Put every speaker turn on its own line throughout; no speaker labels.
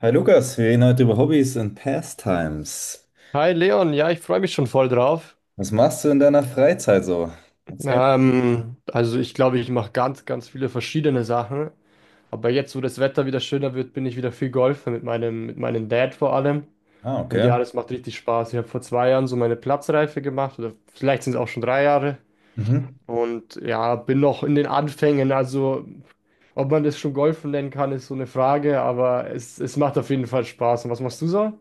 Hi Lukas, wir reden heute über Hobbys und Pastimes.
Hi Leon, ja, ich freue mich schon voll drauf.
Was machst du in deiner Freizeit so? Erzähl mal.
Also ich glaube, ich mache ganz, ganz viele verschiedene Sachen. Aber jetzt, wo das Wetter wieder schöner wird, bin ich wieder viel Golfen mit meinem Dad vor allem.
Ah,
Und
okay.
ja, das macht richtig Spaß. Ich habe vor 2 Jahren so meine Platzreife gemacht, oder vielleicht sind es auch schon 3 Jahre.
Mhm.
Und ja, bin noch in den Anfängen. Also, ob man das schon Golfen nennen kann, ist so eine Frage, aber es macht auf jeden Fall Spaß. Und was machst du so?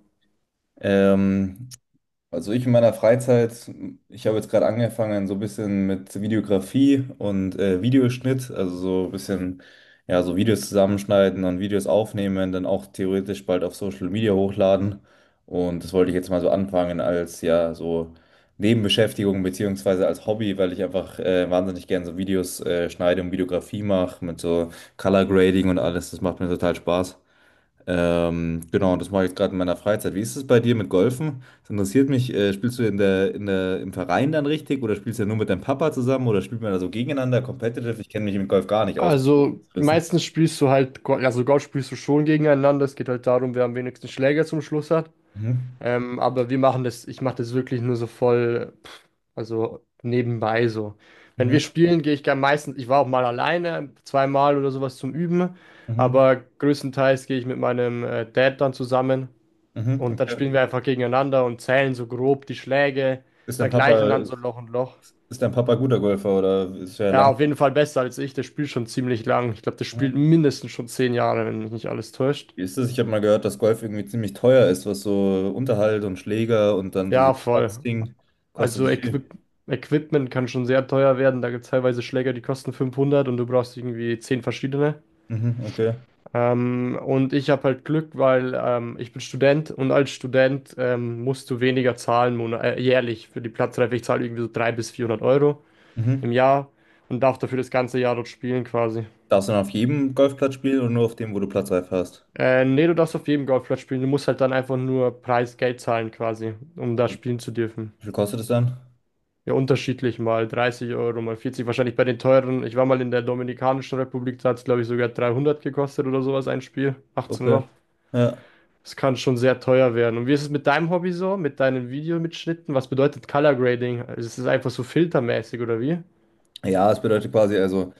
Ähm, Also ich in meiner Freizeit, ich habe jetzt gerade angefangen so ein bisschen mit Videografie und Videoschnitt, also so ein bisschen, ja, so Videos zusammenschneiden und Videos aufnehmen, dann auch theoretisch bald auf Social Media hochladen. Und das wollte ich jetzt mal so anfangen als, ja, so Nebenbeschäftigung beziehungsweise als Hobby, weil ich einfach wahnsinnig gerne so Videos schneide und Videografie mache mit so Color Grading und alles. Das macht mir total Spaß. Genau, das mache ich gerade in meiner Freizeit. Wie ist es bei dir mit Golfen? Das interessiert mich. Spielst du im Verein dann richtig oder spielst du ja nur mit deinem Papa zusammen oder spielt man da so gegeneinander, competitive? Ich kenne mich mit Golf gar nicht aus.
Also
Rissen.
meistens spielst du halt, also Gott spielst du schon gegeneinander. Es geht halt darum, wer am wenigsten Schläger zum Schluss hat.
Mhm.
Aber wir machen das, ich mache das wirklich nur so voll, also nebenbei so. Wenn
Mhm.
wir spielen, gehe ich gern meistens, ich war auch mal alleine, zweimal oder sowas zum Üben,
Mhm.
aber größtenteils gehe ich mit meinem Dad dann zusammen
Mhm.
und dann
Okay.
spielen wir einfach gegeneinander und zählen so grob die Schläge,
Ist dein
vergleichen dann
Papa,
so Loch und Loch.
ist dein Papa guter Golfer oder ist er
Ja,
lang?
auf jeden Fall besser als ich. Der spielt schon ziemlich lang. Ich glaube, der spielt
Mhm.
mindestens schon 10 Jahre, wenn mich nicht alles täuscht.
Wie ist das? Ich habe mal gehört, dass Golf irgendwie ziemlich teuer ist, was so Unterhalt und Schläger und dann so die
Ja, voll.
Platzding kostet
Also
das viel.
Equipment kann schon sehr teuer werden. Da gibt es teilweise Schläger, die kosten 500 und du brauchst irgendwie 10 verschiedene.
Mhm. Okay.
Und ich habe halt Glück, weil ich bin Student und als Student musst du weniger zahlen jährlich für die Platzreife. Ich zahle irgendwie so 300 bis 400 Euro im
Mhm.
Jahr und darf dafür das ganze Jahr dort spielen quasi.
Darfst du dann auf jedem Golfplatz spielen oder nur auf dem, wo du Platzreife hast?
Nee, du darfst auf jedem Golfplatz spielen. Du musst halt dann einfach nur Preisgeld zahlen quasi, um da spielen zu dürfen.
Wie viel kostet es dann?
Ja, unterschiedlich mal 30 Euro, mal 40 wahrscheinlich bei den teuren. Ich war mal in der Dominikanischen Republik, da hat es, glaube ich, sogar 300 gekostet oder sowas ein Spiel. 18
Okay.
Loch.
Ja.
Das kann schon sehr teuer werden. Und wie ist es mit deinem Hobby so, mit deinen Videomitschnitten? Was bedeutet Color Grading? Also, ist es einfach so filtermäßig oder wie?
Ja, es bedeutet quasi, also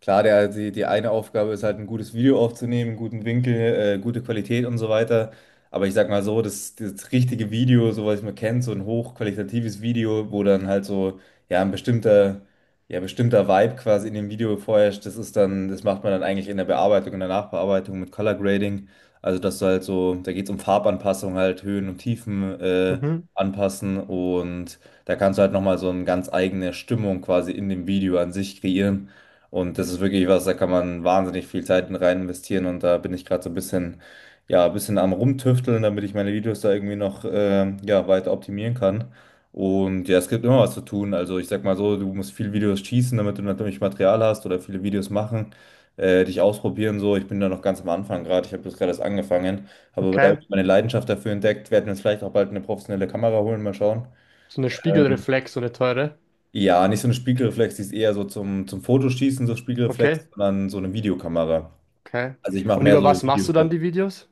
klar, die eine Aufgabe ist halt ein gutes Video aufzunehmen, einen guten Winkel, gute Qualität und so weiter. Aber ich sag mal so, das richtige Video, so was man kennt, so ein hochqualitatives Video, wo dann halt so, ja, ein bestimmter Vibe quasi in dem Video vorherrscht, das ist dann, das macht man dann eigentlich in der Bearbeitung, in der Nachbearbeitung mit Color Grading. Also, dass du halt so, da geht es um Farbanpassung halt, Höhen und Tiefen,
Mhm,
anpassen und da kannst du halt nochmal so eine ganz eigene Stimmung quasi in dem Video an sich kreieren. Und das ist wirklich was, da kann man wahnsinnig viel Zeit rein investieren. Und da bin ich gerade so ein bisschen, ja, ein bisschen am Rumtüfteln, damit ich meine Videos da irgendwie noch, ja, weiter optimieren kann. Und ja, es gibt immer was zu tun. Also ich sag mal so, du musst viele Videos schießen, damit du natürlich Material hast oder viele Videos machen, dich ausprobieren so. Ich bin da noch ganz am Anfang gerade. Ich habe das gerade erst angefangen, habe aber da
okay.
irgendwie meine Leidenschaft dafür entdeckt. Werden jetzt vielleicht auch bald eine professionelle Kamera holen, mal schauen.
So eine
Ähm,
Spiegelreflex, so eine teure.
ja, nicht so eine Spiegelreflex, die ist eher so zum, zum Fotoschießen, so
Okay,
Spiegelreflex, sondern so eine Videokamera.
okay.
Also ich mache
Und
mehr
über
so
was machst du
Videos.
dann die Videos?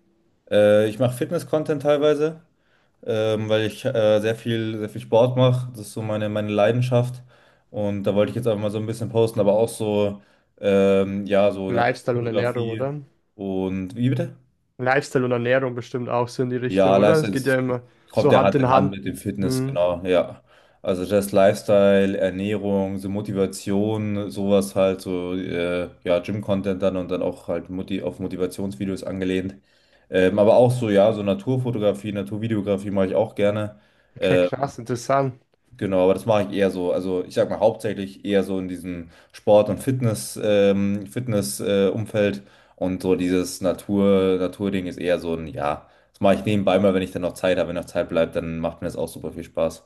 Ich mache Fitness-Content teilweise, weil ich sehr viel Sport mache. Das ist so meine, meine Leidenschaft. Und da wollte ich jetzt einfach mal so ein bisschen posten, aber auch so, ja, so
Lifestyle und Ernährung,
Naturfotografie.
oder?
Und wie bitte?
Lifestyle und Ernährung bestimmt auch so in die
Ja,
Richtung, oder? Es
Lifestyle
geht ja
das
immer
kommt
so
ja
Hand
Hand
in
in Hand
Hand.
mit dem Fitness,
Hm.
genau, ja. Also das Lifestyle, Ernährung, so Motivation, sowas halt, so ja, Gym-Content dann und dann auch halt Motivationsvideos angelehnt. Aber auch so, ja, so Naturfotografie, Naturvideografie mache ich auch gerne.
Okay,
Ähm,
krass, interessant.
Genau, aber das mache ich eher so. Also ich sag mal hauptsächlich eher so in diesem Sport- und Umfeld und so dieses Natur, Naturding ist eher so ein, ja, das mache ich nebenbei mal, wenn ich dann noch Zeit habe, wenn noch Zeit bleibt, dann macht mir das auch super viel Spaß.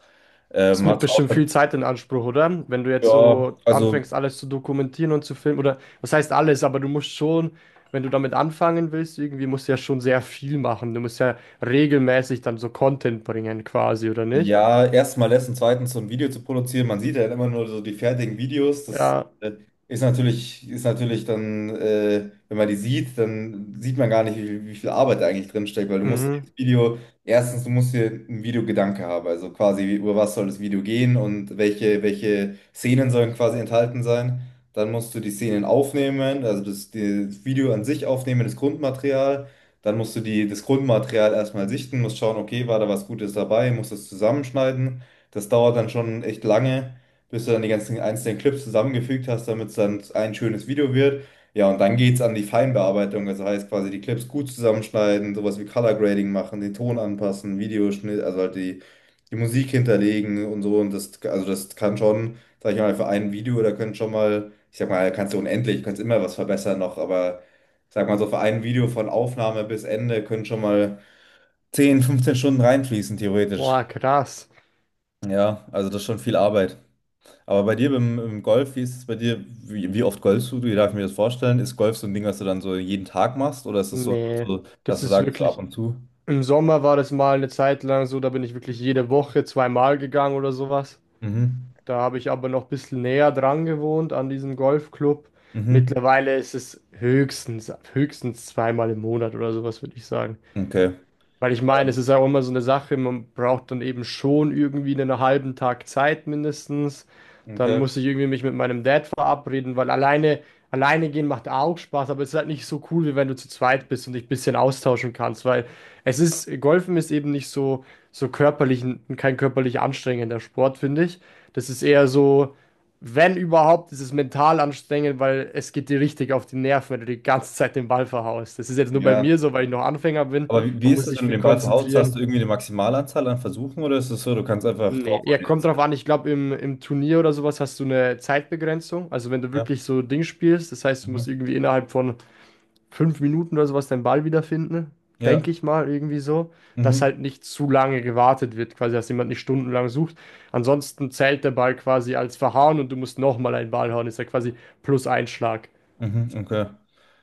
Das nimmt
Hat's auch,
bestimmt viel Zeit in Anspruch, oder? Wenn du jetzt
ja,
so
also
anfängst, alles zu dokumentieren und zu filmen, oder was heißt alles, aber du musst schon, wenn du damit anfangen willst, irgendwie musst du ja schon sehr viel machen. Du musst ja regelmäßig dann so Content bringen, quasi, oder nicht?
ja, erstmal lässt und zweitens so ein Video zu produzieren. Man sieht ja immer nur so die fertigen Videos. Das
Ja,
ist natürlich, wenn man die sieht, dann sieht man gar nicht, wie viel Arbeit da eigentlich drin steckt, weil du musst
mhm.
dieses Video, erstens, du musst dir einen Videogedanke haben. Also quasi, über was soll das Video gehen und welche Szenen sollen quasi enthalten sein. Dann musst du die Szenen aufnehmen, also das, das Video an sich aufnehmen, das Grundmaterial. Dann musst du das Grundmaterial erstmal sichten, musst schauen, okay, war da was Gutes dabei, musst das zusammenschneiden. Das dauert dann schon echt lange, bis du dann die ganzen einzelnen Clips zusammengefügt hast, damit es dann ein schönes Video wird. Ja, und dann geht's an die Feinbearbeitung, also heißt quasi die Clips gut zusammenschneiden, sowas wie Color Grading machen, den Ton anpassen, Videoschnitt, also halt die, Musik hinterlegen und so. Und das, also das kann schon, sag ich mal, für ein Video, da können schon mal, ich sag mal, kannst du unendlich, kannst immer was verbessern noch, aber. Ich sag mal so, für ein Video von Aufnahme bis Ende können schon mal 10, 15 Stunden reinfließen, theoretisch.
Boah, krass.
Ja, also das ist schon viel Arbeit. Aber bei dir beim, im Golf, wie ist es bei dir? Wie oft golfst du? Wie darf ich mir das vorstellen? Ist Golf so ein Ding, was du dann so jeden Tag machst? Oder ist es so,
Nee,
nur so,
das
dass du
ist
sagst, so ab
wirklich.
und zu?
Im Sommer war das mal eine Zeit lang so, da bin ich wirklich jede Woche zweimal gegangen oder sowas.
Mhm.
Da habe ich aber noch ein bisschen näher dran gewohnt an diesem Golfclub.
Mhm.
Mittlerweile ist es höchstens zweimal im Monat oder sowas, würde ich sagen.
Okay.
Weil ich meine,
Ja.
es ist ja auch immer so eine Sache, man braucht dann eben schon irgendwie einen halben Tag Zeit mindestens. Dann
Okay.
muss ich irgendwie mich mit meinem Dad verabreden, weil alleine gehen macht auch Spaß, aber es ist halt nicht so cool, wie wenn du zu zweit bist und dich ein bisschen austauschen kannst, weil Golfen ist eben nicht so kein körperlich anstrengender Sport, finde ich. Das ist eher so, wenn überhaupt, ist es mental anstrengend, weil es geht dir richtig auf die Nerven, wenn du die ganze Zeit den Ball verhaust. Das ist jetzt nur bei
Ja.
mir so, weil ich noch Anfänger bin.
Aber wie
Man
ist
muss
das,
sich
wenn du
viel
den Ball verhaust? Hast du
konzentrieren.
irgendwie eine Maximalanzahl an Versuchen oder ist es so, du kannst einfach
Nee,
draufhauen
ja,
die
kommt
ganze
drauf
Zeit?
an. Ich glaube, im Turnier oder sowas hast du eine Zeitbegrenzung. Also, wenn du
Ja.
wirklich so Ding spielst, das heißt, du musst
Mhm.
irgendwie innerhalb von 5 Minuten oder sowas deinen Ball wiederfinden.
Ja.
Denke ich mal, irgendwie so, dass
Mhm.
halt nicht zu lange gewartet wird, quasi, dass jemand nicht stundenlang sucht. Ansonsten zählt der Ball quasi als verhauen und du musst nochmal einen Ball hauen. Ist ja quasi plus ein Schlag.
Mhm. Okay.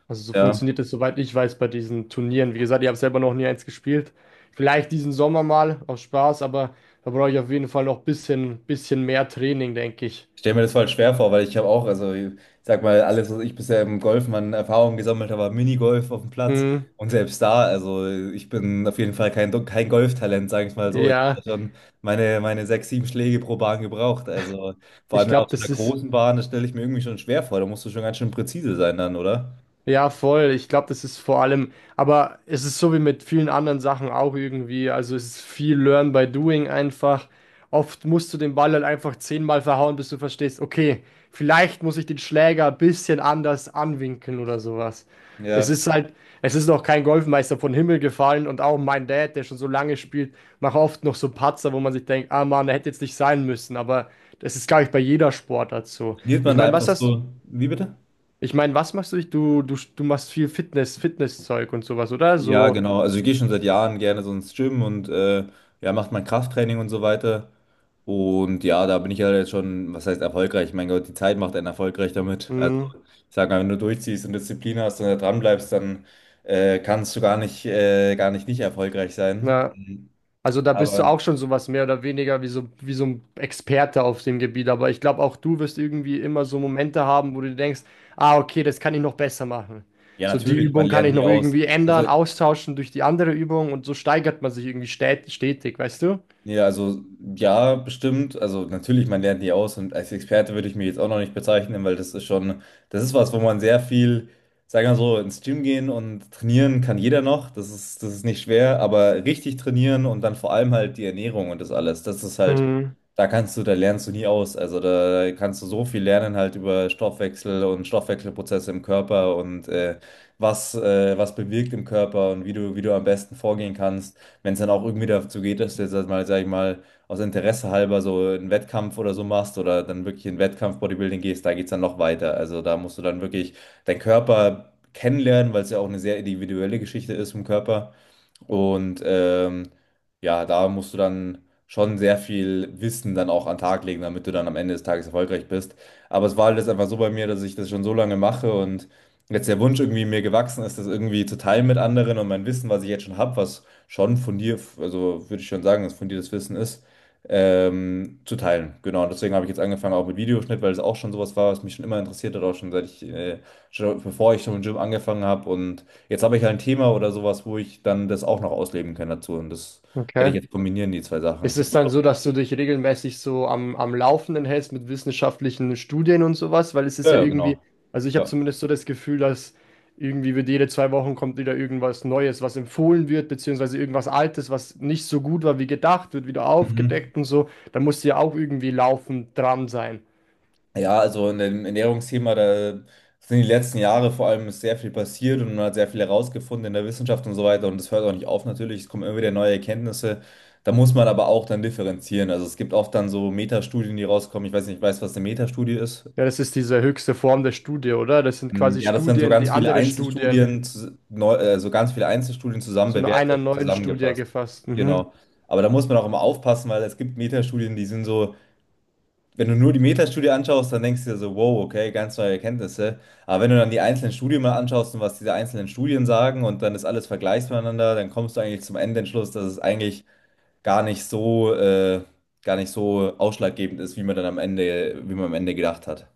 Also so
Ja.
funktioniert es, soweit ich weiß, bei diesen Turnieren. Wie gesagt, ich habe selber noch nie eins gespielt. Vielleicht diesen Sommer mal aus Spaß, aber da brauche ich auf jeden Fall noch ein bisschen mehr Training, denke ich.
Ich stelle mir das voll schwer vor, weil ich habe auch, also ich sag mal, alles, was ich bisher im Golfen an Erfahrung gesammelt habe, war Minigolf auf dem Platz.
Hm,
Und selbst da, also ich bin auf jeden Fall kein, kein Golftalent, sage ich mal so. Ich habe ja
ja,
schon meine sechs, sieben Schläge pro Bahn gebraucht. Also vor
ich
allem dann
glaube,
auf so einer
das ist.
großen Bahn, das stelle ich mir irgendwie schon schwer vor. Da musst du schon ganz schön präzise sein dann, oder?
Ja, voll. Ich glaube, das ist vor allem, aber es ist so wie mit vielen anderen Sachen auch irgendwie. Also es ist viel Learn by Doing einfach. Oft musst du den Ball halt einfach zehnmal verhauen, bis du verstehst, okay, vielleicht muss ich den Schläger ein bisschen anders anwinkeln oder sowas. Das
Ja.
ist halt, es ist noch kein Golfmeister vom Himmel gefallen und auch mein Dad, der schon so lange spielt, macht oft noch so Patzer, wo man sich denkt, ah Mann, der hätte jetzt nicht sein müssen. Aber das ist, glaube ich, bei jeder Sportart so.
Trainiert
Ich
man da
meine, was
einfach
hast
so. Wie bitte?
ich meine, was machst du? Du machst viel Fitness, Fitnesszeug und sowas, oder?
Ja,
So,
genau. Also ich gehe schon seit Jahren gerne so ins Gym und ja, macht mein Krafttraining und so weiter. Und ja, da bin ich ja jetzt schon, was heißt erfolgreich? Mein Gott, die Zeit macht einen erfolgreich damit. Also
mh,
ich sage mal, wenn du durchziehst und Disziplin hast und da dran bleibst, dann kannst du gar nicht nicht erfolgreich sein.
na,
Mhm.
also da bist du
Aber
auch schon sowas mehr oder weniger wie so ein Experte auf dem Gebiet. Aber ich glaube, auch du wirst irgendwie immer so Momente haben, wo du denkst, ah, okay, das kann ich noch besser machen.
ja,
So, die
natürlich, man
Übung kann
lernt
ich
nie
noch
aus.
irgendwie
Also
ändern, austauschen durch die andere Übung und so steigert man sich irgendwie stät stetig, weißt du?
ja, also ja, bestimmt. Also natürlich, man lernt nie aus und als Experte würde ich mich jetzt auch noch nicht bezeichnen, weil das ist schon, das ist was, wo man sehr viel, sagen wir mal so, ins Gym gehen und trainieren kann jeder noch. Das ist nicht schwer, aber richtig trainieren und dann vor allem halt die Ernährung und das alles, das ist halt,
Hm,
da kannst du, da lernst du nie aus. Also da kannst du so viel lernen halt über Stoffwechsel und Stoffwechselprozesse im Körper und was bewirkt im Körper und wie du, wie, du am besten vorgehen kannst, wenn es dann auch irgendwie dazu geht, dass du jetzt halt mal, sag ich mal, aus Interesse halber so einen Wettkampf oder so machst oder dann wirklich in Wettkampf Bodybuilding gehst, da geht es dann noch weiter. Also da musst du dann wirklich deinen Körper kennenlernen, weil es ja auch eine sehr individuelle Geschichte ist vom Körper. Und ja, da musst du dann schon sehr viel Wissen dann auch an den Tag legen, damit du dann am Ende des Tages erfolgreich bist. Aber es war halt jetzt einfach so bei mir, dass ich das schon so lange mache und jetzt der Wunsch irgendwie mir gewachsen ist, das irgendwie zu teilen mit anderen und mein Wissen, was ich jetzt schon habe, was schon von dir, also würde ich schon sagen, dass von dir das Wissen ist, zu teilen. Genau, und deswegen habe ich jetzt angefangen auch mit Videoschnitt, weil es auch schon sowas war, was mich schon immer interessiert hat, auch schon schon bevor ich schon im Gym angefangen habe und jetzt habe ich halt ein Thema oder sowas, wo ich dann das auch noch ausleben kann dazu. Und das werde ich
okay.
jetzt kombinieren, die zwei Sachen.
Ist es
Hast
dann
du-
so, dass du dich regelmäßig so am Laufenden hältst mit wissenschaftlichen Studien und sowas? Weil es
Ja,
ist ja
ja,
irgendwie,
genau.
also ich habe
Ja.
zumindest so das Gefühl, dass irgendwie wird jede 2 Wochen kommt wieder irgendwas Neues, was empfohlen wird, beziehungsweise irgendwas Altes, was nicht so gut war wie gedacht, wird wieder
Mhm.
aufgedeckt und so. Da musst du ja auch irgendwie laufend dran sein.
Ja, also in dem Ernährungsthema, da sind die letzten Jahre vor allem ist sehr viel passiert und man hat sehr viel herausgefunden in der Wissenschaft und so weiter. Und das hört auch nicht auf natürlich. Es kommen immer wieder neue Erkenntnisse. Da muss man aber auch dann differenzieren. Also es gibt oft dann so Metastudien, die rauskommen. Ich weiß nicht, weißt du, was eine Metastudie ist?
Ja, das ist diese höchste Form der Studie, oder? Das sind
Hm,
quasi
ja, das sind so
Studien, die
ganz viele
andere Studien
Einzelstudien, so ganz viele Einzelstudien zusammen
zu einer
bewertet,
neuen Studie
zusammengefasst.
gefasst. Mhm.
Genau. Aber da muss man auch immer aufpassen, weil es gibt Metastudien, die sind so, wenn du nur die Metastudie anschaust, dann denkst du dir so, wow, okay, ganz neue Erkenntnisse. Aber wenn du dann die einzelnen Studien mal anschaust und was diese einzelnen Studien sagen und dann ist alles vergleichst miteinander, dann kommst du eigentlich zum Endentschluss, dass es eigentlich gar nicht so, äh, gar nicht so ausschlaggebend ist, wie man am Ende gedacht hat.